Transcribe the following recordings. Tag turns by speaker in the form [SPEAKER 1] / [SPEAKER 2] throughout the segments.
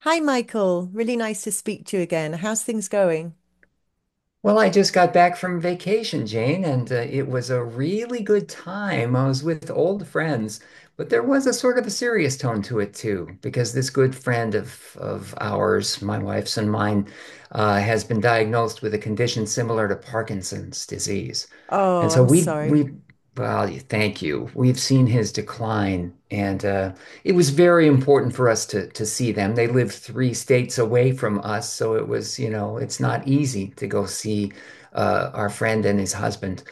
[SPEAKER 1] Hi, Michael. Really nice to speak to you again. How's things going?
[SPEAKER 2] Well, I just got back from vacation, Jane, and it was a really good time. I was with old friends, but there was a sort of a serious tone to it too, because this good friend of ours, my wife's and mine, has been diagnosed with a condition similar to Parkinson's disease,
[SPEAKER 1] Oh,
[SPEAKER 2] and so
[SPEAKER 1] I'm
[SPEAKER 2] we
[SPEAKER 1] sorry.
[SPEAKER 2] we well, thank you. We've seen his decline, and it was very important for us to see them. They live three states away from us, so it was, you know, it's not easy to go see our friend and his husband.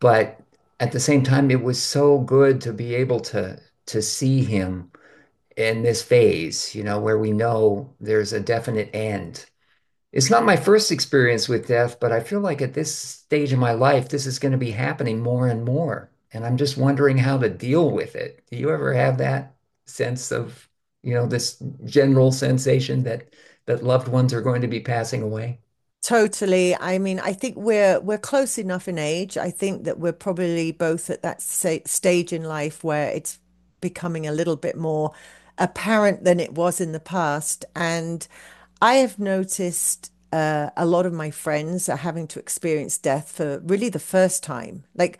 [SPEAKER 2] But at the same time, it was so good to be able to see him in this phase, you know, where we know there's a definite end. It's not my first experience with death, but I feel like at this stage of my life, this is going to be happening more and more. And I'm just wondering how to deal with it. Do you ever have that sense of, you know, this general sensation that loved ones are going to be passing away?
[SPEAKER 1] Totally. I mean, I think we're close enough in age. I think that we're probably both at that sa stage in life where it's becoming a little bit more apparent than it was in the past. And I have noticed a lot of my friends are having to experience death for really the first time. Like,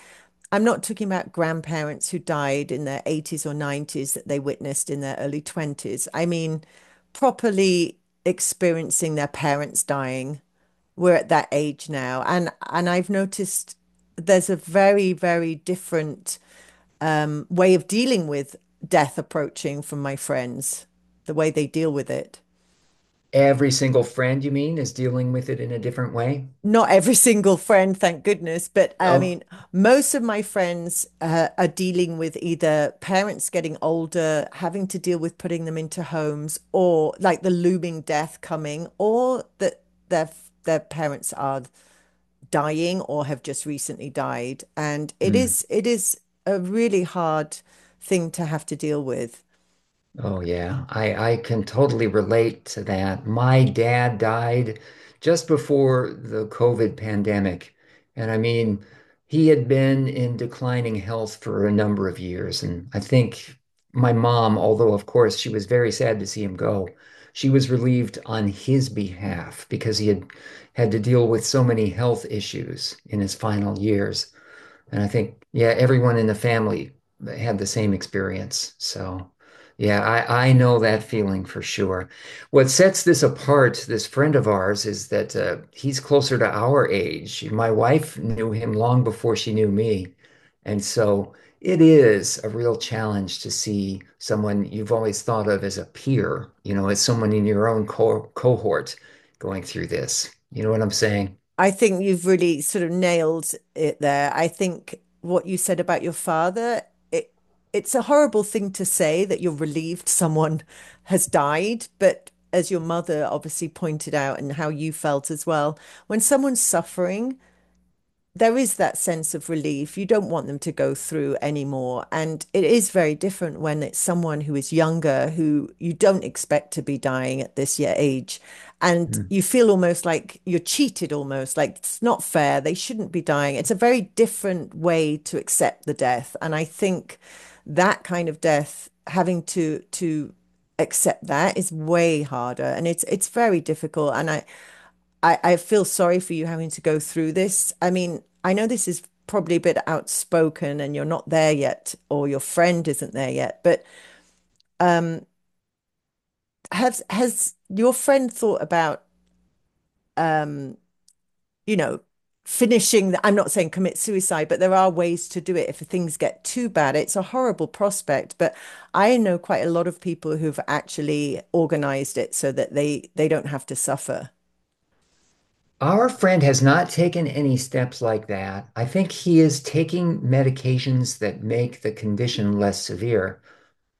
[SPEAKER 1] I'm not talking about grandparents who died in their 80s or 90s that they witnessed in their early 20s. I mean, properly experiencing their parents dying. We're at that age now, and I've noticed there's a very, very different way of dealing with death approaching from my friends, the way they deal with it.
[SPEAKER 2] Every single friend, you mean, is dealing with it in a different way?
[SPEAKER 1] Not every single friend, thank goodness, but I
[SPEAKER 2] Oh,
[SPEAKER 1] mean most of my friends are dealing with either parents getting older, having to deal with putting them into homes, or like the looming death coming, or that their parents are dying or have just recently died. And it
[SPEAKER 2] hmm.
[SPEAKER 1] is it is a really hard thing to have to deal with.
[SPEAKER 2] Oh yeah, I can totally relate to that. My dad died just before the COVID pandemic. And I mean, he had been in declining health for a number of years. And I think my mom, although of course she was very sad to see him go, she was relieved on his behalf because he had had to deal with so many health issues in his final years. And I think, yeah, everyone in the family had the same experience. So, yeah, I know that feeling for sure. What sets this apart, this friend of ours, is that he's closer to our age. My wife knew him long before she knew me. And so it is a real challenge to see someone you've always thought of as a peer, you know, as someone in your own co cohort going through this. You know what I'm saying?
[SPEAKER 1] I think you've really sort of nailed it there. I think what you said about your father, it it's a horrible thing to say that you're relieved someone has died, but as your mother obviously pointed out and how you felt as well, when someone's suffering, there is that sense of relief. You don't want them to go through anymore. And it is very different when it's someone who is younger, who you don't expect to be dying at this year age. And you feel almost like you're cheated, almost like it's not fair. They shouldn't be dying. It's a very different way to accept the death. And I think that kind of death, having accept that is way harder, and it's very difficult, and I feel sorry for you having to go through this. I mean, I know this is probably a bit outspoken and you're not there yet, or your friend isn't there yet, but um, has your friend thought about um, you know, finishing the— I'm not saying commit suicide, but there are ways to do it if things get too bad. It's a horrible prospect, but I know quite a lot of people who've actually organized it so that they don't have to suffer.
[SPEAKER 2] Our friend has not taken any steps like that. I think he is taking medications that make the condition less severe.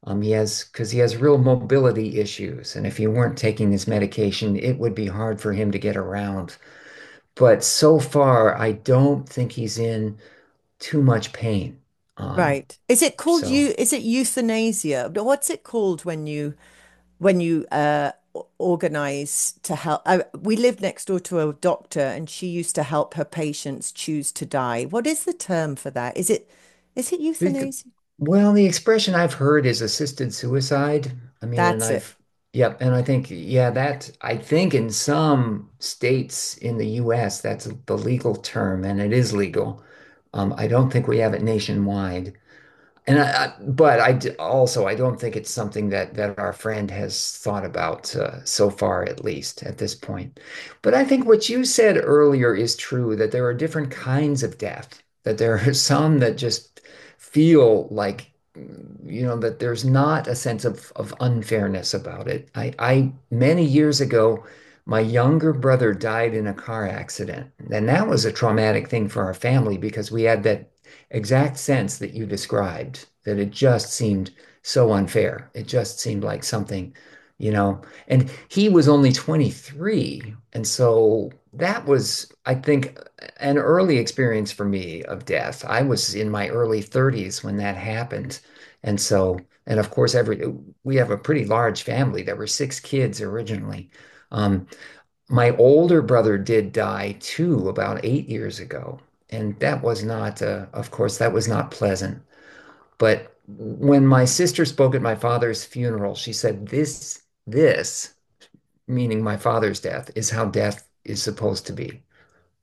[SPEAKER 2] He has, because he has real mobility issues. And if he weren't taking this medication, it would be hard for him to get around. But so far, I don't think he's in too much pain. Um,
[SPEAKER 1] Right. Is it called
[SPEAKER 2] so
[SPEAKER 1] you? Is it euthanasia? But what's it called when you organize to help? We live next door to a doctor, and she used to help her patients choose to die. What is the term for that? Is it
[SPEAKER 2] It-
[SPEAKER 1] euthanasia?
[SPEAKER 2] Well, the expression I've heard is assisted suicide. I mean,
[SPEAKER 1] That's it.
[SPEAKER 2] yep, and I think, yeah, I think in some states in the US, that's the legal term and it is legal. I don't think we have it nationwide. And I- but I d- Also, I don't think it's something that our friend has thought about so far, at least at this point. But I think what you said earlier is true that there are different kinds of death, that there are some that just feel like you know that there's not a sense of unfairness about it. I many years ago, my younger brother died in a car accident, and that was a traumatic thing for our family because we had that exact sense that you described, that it just seemed so unfair. It just seemed like something, you know. And he was only 23. And so that was, I think, an early experience for me of death. I was in my early 30s when that happened. And so, and of course, every we have a pretty large family. There were six kids originally. Um, my older brother did die too about 8 years ago. And that was not, of course, that was not pleasant. But when my sister spoke at my father's funeral, she said, This, meaning my father's death, is how death is supposed to be."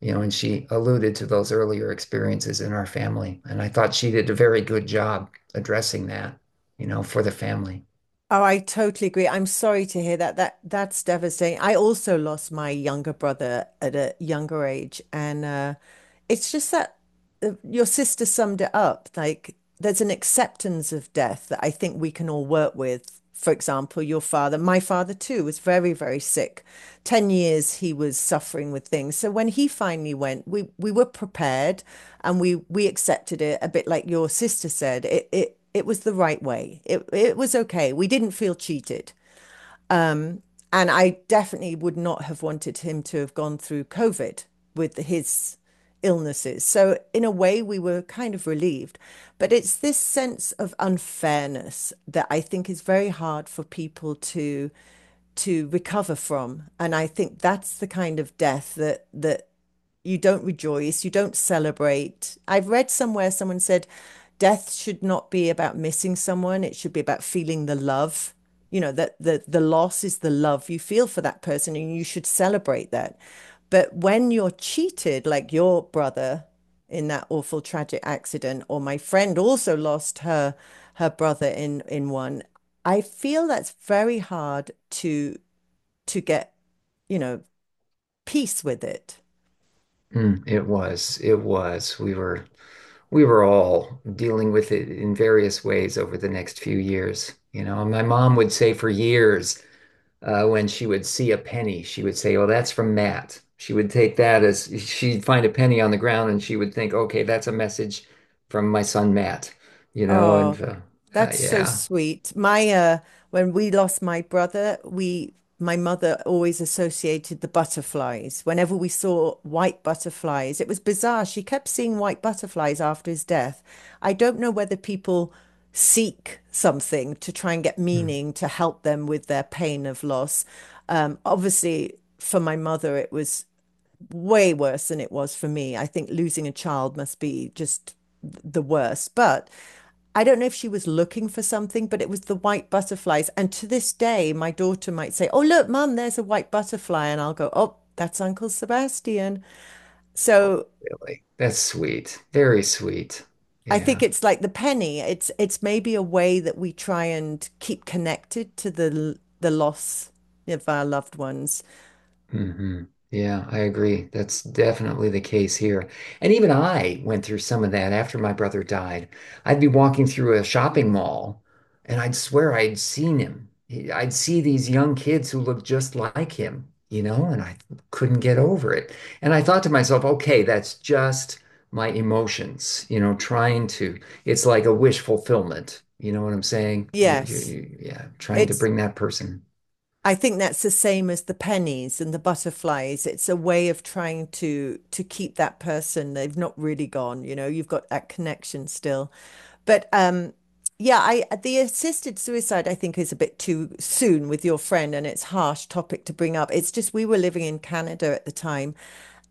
[SPEAKER 2] You know, and she alluded to those earlier experiences in our family. And I thought she did a very good job addressing that, you know, for the family.
[SPEAKER 1] Oh, I totally agree. I'm sorry to hear that. That's devastating. I also lost my younger brother at a younger age, and it's just that your sister summed it up. Like, there's an acceptance of death that I think we can all work with. For example, your father, my father too, was very, very sick. 10 years he was suffering with things. So when he finally went, we were prepared, and we accepted it a bit like your sister said. It was the right way. It was okay. We didn't feel cheated. Um and I definitely would not have wanted him to have gone through COVID with his illnesses. So in a way we were kind of relieved. But it's this sense of unfairness that I think is very hard for people to recover from. And I think that's the kind of death that you don't rejoice, you don't celebrate. I've read somewhere someone said death should not be about missing someone, it should be about feeling the love. You know, that the loss is the love you feel for that person and you should celebrate that. But when you're cheated, like your brother in that awful tragic accident, or my friend also lost her brother in one, I feel that's very hard to to get, you know, peace with it.
[SPEAKER 2] Mm, it was. We were all dealing with it in various ways over the next few years. You know, my mom would say for years, when she would see a penny, she would say, "Oh, that's from Matt." She would take that as she'd find a penny on the ground and she would think, "Okay, that's a message from my son Matt." You know,
[SPEAKER 1] Oh,
[SPEAKER 2] and
[SPEAKER 1] that's so
[SPEAKER 2] yeah.
[SPEAKER 1] sweet. My When we lost my brother, we my mother always associated the butterflies. Whenever we saw white butterflies, it was bizarre. She kept seeing white butterflies after his death. I don't know whether people seek something to try and get
[SPEAKER 2] Mm.
[SPEAKER 1] meaning to help them with their pain of loss. Obviously, for my mother, it was way worse than it was for me. I think losing a child must be just the worst. But I don't know if she was looking for something, but it was the white butterflies. And to this day, my daughter might say, "Oh, look, Mum, there's a white butterfly." And I'll go, "Oh, that's Uncle Sebastian."
[SPEAKER 2] Oh,
[SPEAKER 1] So
[SPEAKER 2] really, that's sweet, very sweet.
[SPEAKER 1] I think
[SPEAKER 2] Yeah.
[SPEAKER 1] it's like the penny. It's maybe a way that we try and keep connected to the loss of our loved ones.
[SPEAKER 2] Hmm. Yeah, I agree. That's definitely the case here. And even I went through some of that after my brother died. I'd be walking through a shopping mall and I'd swear I'd seen him. I'd see these young kids who looked just like him, you know, and I couldn't get over it. And I thought to myself, okay, that's just my emotions, you know, it's like a wish fulfillment. You know what I'm saying?
[SPEAKER 1] Yes.
[SPEAKER 2] Yeah, trying to
[SPEAKER 1] It's
[SPEAKER 2] bring that person.
[SPEAKER 1] I think that's the same as the pennies and the butterflies. It's a way of trying to keep that person. They've not really gone, you know, you've got that connection still. But yeah, I the assisted suicide I think is a bit too soon with your friend, and it's a harsh topic to bring up. It's just we were living in Canada at the time,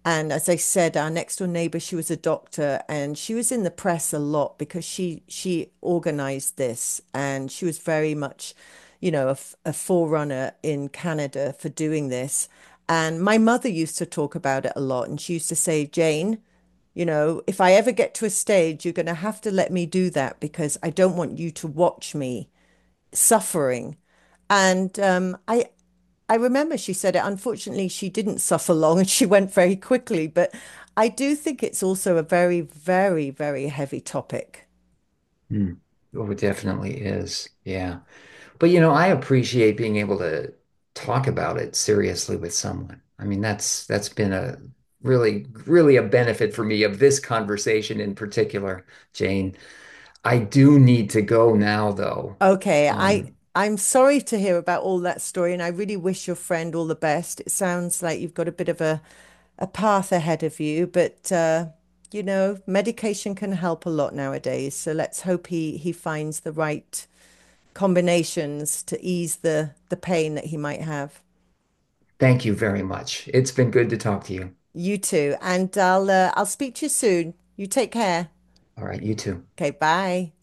[SPEAKER 1] and as I said, our next door neighbor, she was a doctor, and she was in the press a lot because she organized this, and she was very much, a forerunner in Canada for doing this. And my mother used to talk about it a lot, and she used to say, "Jane, if I ever get to a stage, you're going to have to let me do that because I don't want you to watch me suffering." And I remember she said it. Unfortunately, she didn't suffer long, and she went very quickly. But I do think it's also a very, very, very heavy topic.
[SPEAKER 2] Mm. Oh, it definitely is. Yeah. But you know, I appreciate being able to talk about it seriously with someone. I mean, that's been a really a benefit for me of this conversation in particular, Jane. I do need to go now, though.
[SPEAKER 1] Okay,
[SPEAKER 2] Um,
[SPEAKER 1] I'm sorry to hear about all that story, and I really wish your friend all the best. It sounds like you've got a bit of a path ahead of you, but medication can help a lot nowadays. So let's hope he finds the right combinations to ease the pain that he might have.
[SPEAKER 2] Thank you very much. It's been good to talk to you.
[SPEAKER 1] You too, and I'll I'll speak to you soon. You take care.
[SPEAKER 2] All right, you too.
[SPEAKER 1] Okay, bye.